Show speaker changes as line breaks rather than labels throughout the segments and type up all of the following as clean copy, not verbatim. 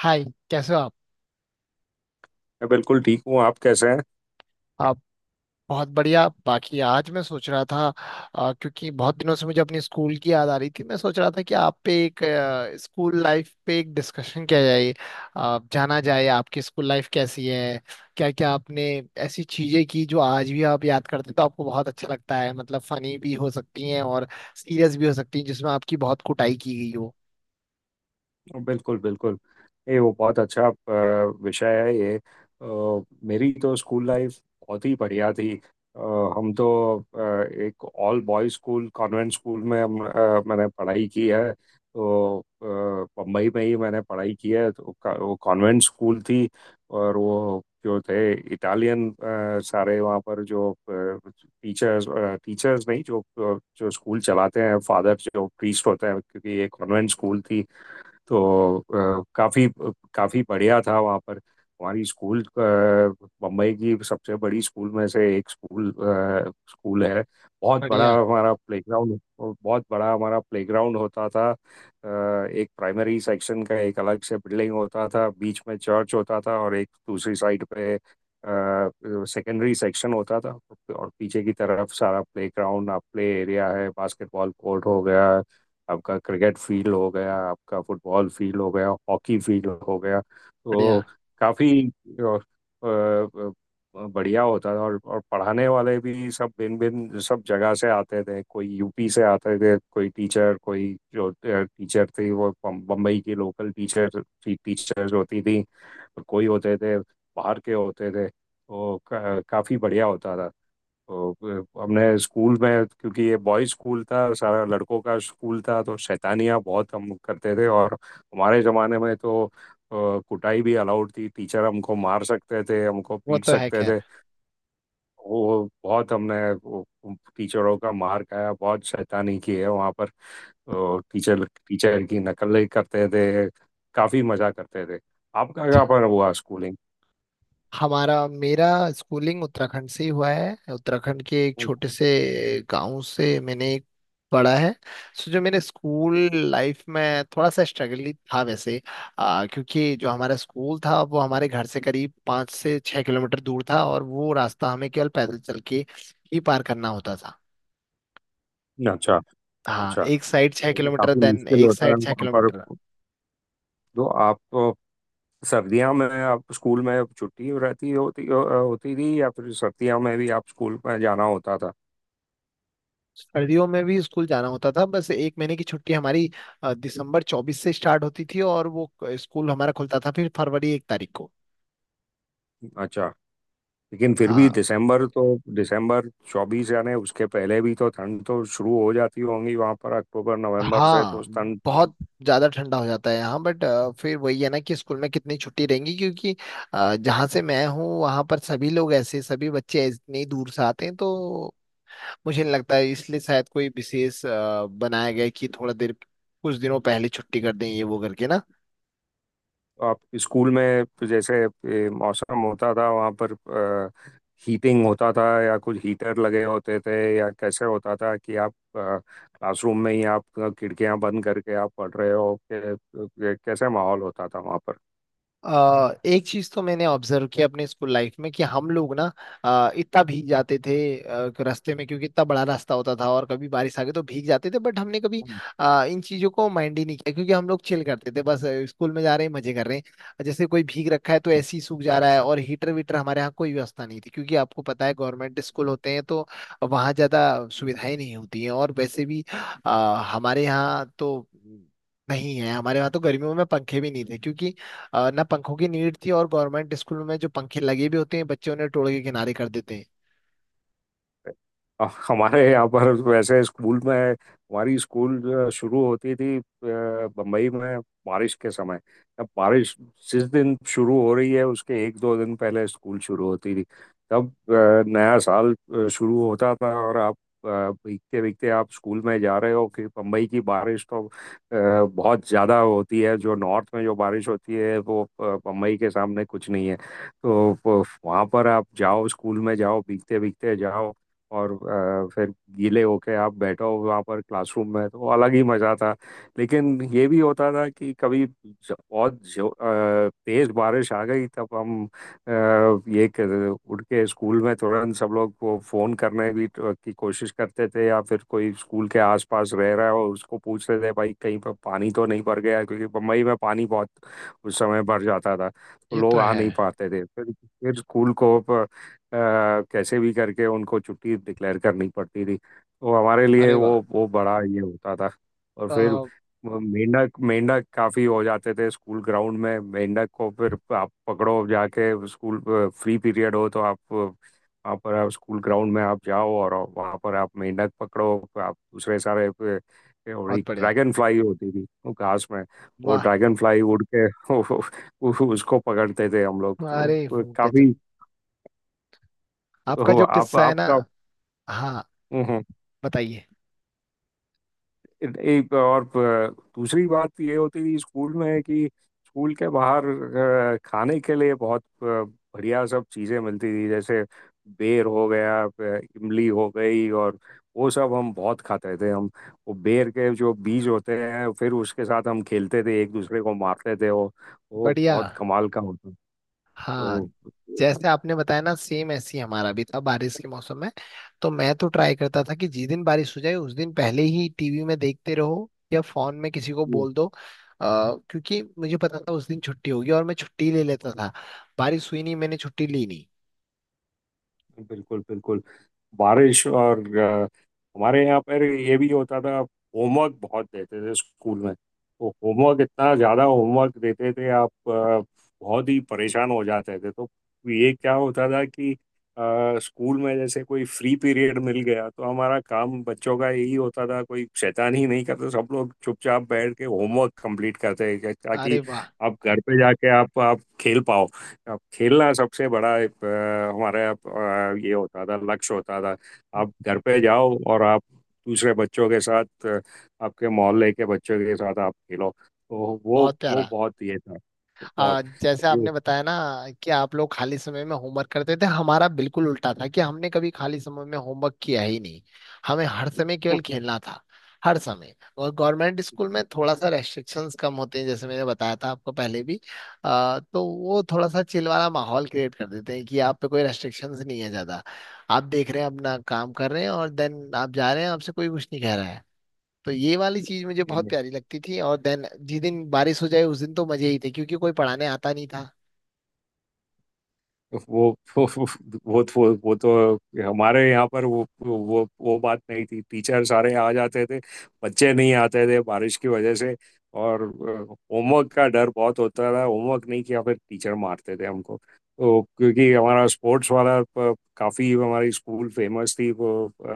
हाय। कैसे हो आप?
मैं बिल्कुल ठीक हूँ। आप कैसे हैं।
आप? बहुत बढ़िया। बाकी आज मैं सोच रहा था, क्योंकि बहुत दिनों से मुझे अपनी स्कूल की याद आ रही थी। मैं सोच रहा था कि आप पे एक स्कूल लाइफ पे एक डिस्कशन किया जाए, जाना जाए आपकी स्कूल लाइफ कैसी है, क्या क्या आपने ऐसी चीजें की जो आज भी आप याद करते तो आपको बहुत अच्छा लगता है। मतलब फनी भी हो सकती हैं और सीरियस भी हो सकती हैं जिसमें आपकी बहुत कुटाई की गई हो।
बिल्कुल बिल्कुल। ये वो बहुत अच्छा विषय है। ये मेरी तो स्कूल लाइफ बहुत ही बढ़िया थी। हम तो एक all boys school convent school में मैंने पढ़ाई की है। तो बम्बई में ही मैंने पढ़ाई की है। तो वो कॉन्वेंट स्कूल थी। और वो जो थे इटालियन सारे वहाँ पर जो टीचर्स, टीचर्स नहीं जो जो स्कूल चलाते हैं फादर जो प्रीस्ट होते हैं क्योंकि ये कॉन्वेंट स्कूल थी। तो काफ़ी काफ़ी बढ़िया था वहाँ पर। हमारी स्कूल बम्बई की सबसे बड़ी स्कूल में से एक स्कूल स्कूल है। बहुत बड़ा
बढ़िया।
हमारा प्लेग्राउंड, बहुत बड़ा हमारा प्लेग्राउंड होता था। एक प्राइमरी सेक्शन का एक अलग से बिल्डिंग होता था। बीच में चर्च होता था और एक दूसरी साइड पे सेकेंडरी सेक्शन होता था। और पीछे की तरफ सारा प्लेग्राउंड आप प्ले एरिया है, बास्केटबॉल कोर्ट हो गया, आपका क्रिकेट फील्ड हो गया, आपका फुटबॉल फील्ड हो गया, हॉकी फील्ड हो गया। तो
बढ़िया।
काफ़ी बढ़िया होता था। और पढ़ाने वाले भी सब भिन्न भिन्न सब जगह से आते थे। कोई यूपी से आते थे, कोई टीचर, कोई जो टीचर थी वो बम्बई की लोकल टीचर थी, टीचर्स होती थी। और कोई होते थे बाहर के होते थे। तो काफ़ी बढ़िया होता था। तो हमने स्कूल में, क्योंकि ये बॉयज स्कूल था, सारा लड़कों का स्कूल था, तो शैतानियाँ बहुत हम करते थे। और हमारे ज़माने में तो कुटाई भी अलाउड थी। टीचर हमको मार सकते थे, हमको
वो
पीट
तो है
सकते
खैर।
थे। वो बहुत हमने वो टीचरों का मार खाया, बहुत शैतानी की है वहाँ पर। तो टीचर टीचर की नकल करते थे, काफ़ी मज़ा करते थे। आपका क्या पर हुआ स्कूलिंग।
हमारा मेरा स्कूलिंग उत्तराखंड से ही हुआ है। उत्तराखंड के एक छोटे से गांव से मैंने पढ़ा है। सो जो मेरे स्कूल लाइफ में थोड़ा सा स्ट्रगल ही था वैसे, क्योंकि जो हमारा स्कूल था वो हमारे घर से करीब 5 से 6 किलोमीटर दूर था और वो रास्ता हमें केवल पैदल चल के ही पार करना होता था।
अच्छा।
हाँ,
अच्छा।
एक साइड छः
ये तो
किलोमीटर
काफी
देन
मुश्किल
एक
होता है
साइड छः
वहाँ पर।
किलोमीटर
तो आप तो सर्दियों में आप स्कूल में छुट्टी रहती होती होती थी या फिर सर्दियों में भी आप स्कूल में जाना होता था।
सर्दियों में भी स्कूल जाना होता था। बस एक महीने की छुट्टी हमारी दिसंबर 24 से स्टार्ट होती थी और वो स्कूल हमारा खुलता था फिर फरवरी 1 तारीख को।
अच्छा। लेकिन फिर भी
हाँ।
दिसंबर तो, दिसंबर 24 यानी उसके पहले भी तो ठंड तो शुरू हो जाती होंगी वहां पर अक्टूबर नवंबर से। तो
हाँ,
उस ठंड
बहुत ज्यादा ठंडा हो जाता है यहाँ बट फिर वही है ना कि स्कूल में कितनी छुट्टी रहेंगी, क्योंकि जहाँ से मैं हूँ वहाँ पर सभी लोग ऐसे, सभी बच्चे इतनी दूर से आते हैं तो मुझे नहीं लगता है। इसलिए शायद कोई विशेष बनाया गया है कि थोड़ा देर, कुछ दिनों पहले छुट्टी कर दें ये वो करके ना।
आप स्कूल में तो जैसे मौसम होता था वहाँ पर, हीटिंग होता था या कुछ हीटर लगे होते थे, या कैसे होता था कि आप क्लासरूम में ही आप खिड़कियां बंद करके आप पढ़ रहे हो कैसे माहौल होता था वहाँ पर।
एक चीज तो मैंने ऑब्जर्व किया अपने स्कूल लाइफ में कि हम लोग ना इतना भीग जाते थे रास्ते में, क्योंकि इतना बड़ा रास्ता होता था और कभी बारिश आ गई तो भीग जाते थे, बट हमने कभी इन चीजों को माइंड ही नहीं किया, क्योंकि हम लोग चिल करते थे। बस स्कूल में जा रहे हैं, मजे कर रहे हैं, जैसे कोई भीग रखा है तो ऐसे ही सूख जा रहा है। और हीटर वीटर हमारे यहाँ कोई व्यवस्था नहीं थी, क्योंकि आपको पता है गवर्नमेंट स्कूल
बिल्कुल।
होते हैं तो वहाँ ज्यादा सुविधाएं नहीं होती हैं। और वैसे भी अ, हमारे यहाँ तो नहीं है। हमारे यहाँ तो गर्मियों में पंखे भी नहीं थे, क्योंकि ना पंखों की नीड थी, और गवर्नमेंट स्कूल में जो पंखे लगे भी होते हैं बच्चे उन्हें तोड़ के किनारे कर देते हैं।
हमारे यहाँ पर वैसे स्कूल में, हमारी स्कूल जो शुरू होती थी बम्बई में बारिश के समय, अब बारिश जिस दिन शुरू हो रही है उसके एक दो दिन पहले स्कूल शुरू होती थी। तब नया साल शुरू होता था। और आप अ, भीगते भीगते आप स्कूल में जा रहे हो कि बम्बई की बारिश तो बहुत ज़्यादा होती है। जो नॉर्थ में जो बारिश होती है वो बम्बई के सामने कुछ नहीं है। तो वहाँ पर आप जाओ स्कूल में जाओ भीगते भीगते जाओ। और फिर गीले होके आप बैठो वहाँ पर क्लासरूम में तो अलग ही मज़ा था। लेकिन ये भी होता था कि कभी बहुत तेज बारिश आ गई तब हम उठ के स्कूल में तुरंत सब लोग को फ़ोन करने की कोशिश करते थे। या फिर कोई स्कूल के आसपास रह रहा है और उसको पूछते थे भाई कहीं पर पानी तो नहीं भर गया, क्योंकि बम्बई में पानी बहुत उस समय भर जाता था तो
ये तो
लोग आ
है।
नहीं पाते थे। फिर स्कूल को अ, कैसे भी करके उनको छुट्टी डिक्लेयर करनी पड़ती थी। तो हमारे लिए
अरे वाह।
वो बड़ा ये होता था। और फिर
बहुत
वो मेंढक मेंढक काफी हो जाते थे स्कूल ग्राउंड में। मेंढक को फिर आप पकड़ो जाके स्कूल, फ्री पीरियड हो तो आप वहाँ पर आप स्कूल ग्राउंड में आप जाओ और वहाँ पर आप मेंढक पकड़ो। आप दूसरे सारे और एक
बढ़िया।
ड्रैगन फ्लाई होती थी वो घास में। वो
वाह।
ड्रैगन फ्लाई उड़ के उसको पकड़ते थे हम लोग। तो
अरे
काफी
गजब। आपका
हो
जो
आप
किस्सा है ना।
आपका।
हाँ,
हम्म।
बताइए।
एक और दूसरी बात तो ये होती थी स्कूल में कि स्कूल के बाहर खाने के लिए बहुत बढ़िया सब चीज़ें मिलती थी। जैसे बेर हो गया, इमली हो गई। और वो सब हम बहुत खाते थे। हम वो बेर के जो बीज होते हैं फिर उसके साथ हम खेलते थे, एक दूसरे को मारते थे। वो
बढ़िया।
बहुत कमाल का होता था।
हाँ,
तो
जैसे आपने बताया ना, सेम ऐसी हमारा भी था बारिश के मौसम में, तो मैं तो ट्राई करता था कि जिस दिन बारिश हो जाए उस दिन पहले ही टीवी में देखते रहो या फोन में किसी को बोल दो, क्योंकि मुझे पता था उस दिन छुट्टी होगी और मैं छुट्टी ले लेता था। बारिश हुई नहीं, मैंने छुट्टी ली नहीं।
बिल्कुल बिल्कुल। बारिश और हमारे यहाँ पर ये भी होता था। होमवर्क बहुत देते थे स्कूल में। तो होमवर्क इतना ज़्यादा होमवर्क देते थे, आप बहुत ही परेशान हो जाते थे। तो ये क्या होता था कि स्कूल में जैसे कोई फ्री पीरियड मिल गया तो हमारा काम बच्चों का यही होता था कोई शैतानी नहीं करते, सब लोग चुपचाप बैठ के होमवर्क कंप्लीट करते थे, ताकि
अरे वाह।
आप घर पे जाके आप खेल पाओ। अब खेलना सबसे बड़ा हमारे यहाँ ये होता था, लक्ष्य होता था। आप घर पे जाओ और आप दूसरे बच्चों के साथ आपके मोहल्ले के बच्चों के साथ आप खेलो। तो
बहुत
वो
प्यारा।
बहुत ये था, बहुत
जैसे
ये-
आपने बताया ना कि आप लोग खाली समय में होमवर्क करते थे, हमारा बिल्कुल उल्टा था कि हमने कभी खाली समय में होमवर्क किया ही नहीं। हमें हर समय केवल खेलना था, हर समय। और गवर्नमेंट स्कूल में थोड़ा सा रेस्ट्रिक्शंस कम होते हैं, जैसे मैंने बताया था आपको पहले भी। तो वो थोड़ा सा चिल वाला माहौल क्रिएट कर देते हैं कि आप पे कोई रेस्ट्रिक्शंस नहीं है ज्यादा। आप देख रहे हैं, अपना काम कर रहे हैं और देन आप जा रहे हैं, आपसे कोई कुछ नहीं कह रहा है। तो ये वाली चीज मुझे बहुत प्यारी लगती थी। और देन जिस दिन बारिश हो जाए उस दिन तो मजे ही थे, क्योंकि कोई पढ़ाने आता नहीं था।
वो वो वो तो हमारे यहाँ पर वो बात नहीं थी। टीचर सारे आ जाते थे, बच्चे नहीं आते थे बारिश की वजह से। और होमवर्क का डर बहुत होता था, होमवर्क नहीं किया फिर टीचर मारते थे हमको। तो क्योंकि हमारा स्पोर्ट्स वाला काफी हमारी स्कूल फेमस थी, वो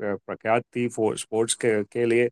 प्रख्यात थी स्पोर्ट्स के लिए।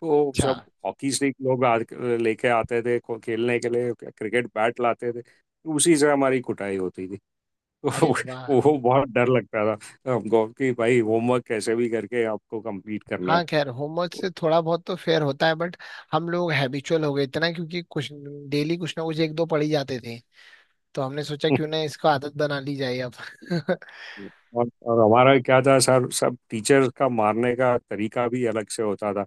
तो
अच्छा।
सब हॉकी स्टिक लोग लेके आते थे खेलने के लिए, क्रिकेट बैट लाते थे, उसी से हमारी कुटाई होती थी।
अरे
वो
वाह।
वो बहुत डर लगता था हमको कि भाई होमवर्क कैसे भी करके आपको कंप्लीट करना है।
हाँ खैर, होमवर्क से थोड़ा बहुत तो फेयर होता है, बट हम लोग हैबिचुअल हो गए इतना, क्योंकि कुछ डेली कुछ ना कुछ एक दो पढ़ ही जाते थे। तो हमने सोचा क्यों ना इसको आदत बना ली जाए अब।
और हमारा क्या था सर, सब टीचर का मारने का तरीका भी अलग से होता था।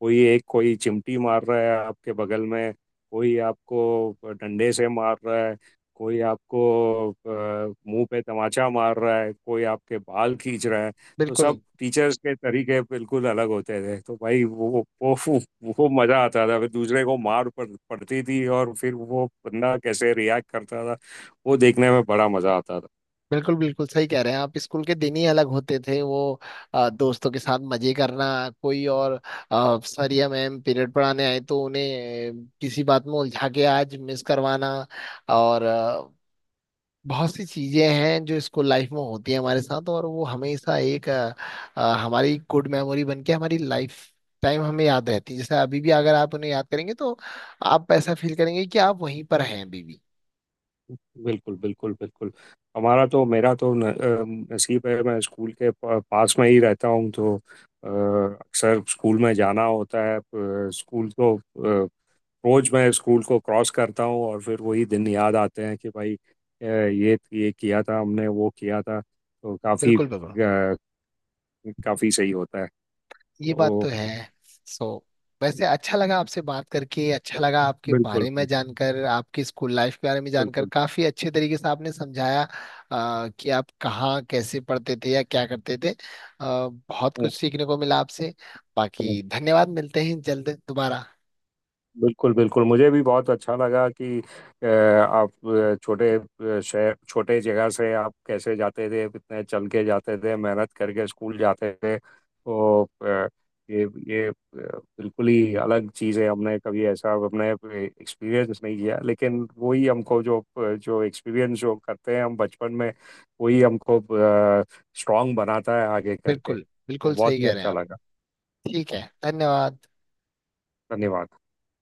कोई एक कोई चिमटी मार रहा है आपके बगल में, कोई आपको डंडे से मार रहा है, कोई आपको मुंह पे तमाचा मार रहा है, कोई आपके बाल खींच रहा है। तो सब
बिल्कुल,
टीचर्स के तरीके बिल्कुल अलग होते थे। तो भाई वो मज़ा आता था, फिर दूसरे को मार पड़ती थी और फिर वो बंदा कैसे रिएक्ट करता था वो देखने में बड़ा मज़ा आता था।
बिल्कुल, बिल्कुल सही कह रहे हैं आप। स्कूल के दिन ही अलग होते थे वो। दोस्तों के साथ मजे करना, कोई और सर या मैम पीरियड पढ़ाने आए तो उन्हें किसी बात में उलझा के आज मिस करवाना। और बहुत सी चीजें हैं जो स्कूल लाइफ में होती हैं हमारे साथ। और वो हमेशा एक हमारी गुड मेमोरी बन के हमारी लाइफ टाइम हमें याद रहती है। जैसे अभी भी अगर आप उन्हें याद करेंगे तो आप ऐसा फील करेंगे कि आप वहीं पर हैं अभी भी।
बिल्कुल बिल्कुल बिल्कुल। हमारा तो मेरा तो न, अ, नसीब है, मैं स्कूल के पास में ही रहता हूँ। तो अक्सर स्कूल में जाना होता है। स्कूल को अ, रोज मैं स्कूल को क्रॉस करता हूँ और फिर वही दिन याद आते हैं कि भाई ये किया था हमने, वो किया था। तो काफ़ी
बिल्कुल बिल्कुल।
काफ़ी सही होता है।
ये बात
तो
तो है। सो वैसे अच्छा लगा आपसे बात करके, अच्छा लगा आपके
बिल्कुल
बारे में
बिल्कुल
जानकर, आपकी स्कूल लाइफ के बारे में जानकर। काफी अच्छे तरीके से आपने समझाया कि आप कहाँ कैसे पढ़ते थे या क्या करते थे। बहुत
बिल्कुल।
कुछ सीखने को मिला आपसे। बाकी धन्यवाद। मिलते हैं जल्द दोबारा।
बिल्कुल बिल्कुल मुझे भी बहुत अच्छा लगा कि आप छोटे शहर, छोटे जगह से आप कैसे जाते थे, कितने चल के जाते थे, मेहनत करके स्कूल जाते थे। तो ये बिल्कुल ही अलग चीज़ है, हमने कभी ऐसा अपने एक्सपीरियंस नहीं किया। लेकिन वही हमको जो जो एक्सपीरियंस जो करते हैं हम बचपन में वही हमको स्ट्रांग बनाता है आगे करके।
बिल्कुल
तो
बिल्कुल सही
बहुत ही
कह रहे हैं
अच्छा
आप।
लगा।
ठीक है, धन्यवाद।
धन्यवाद।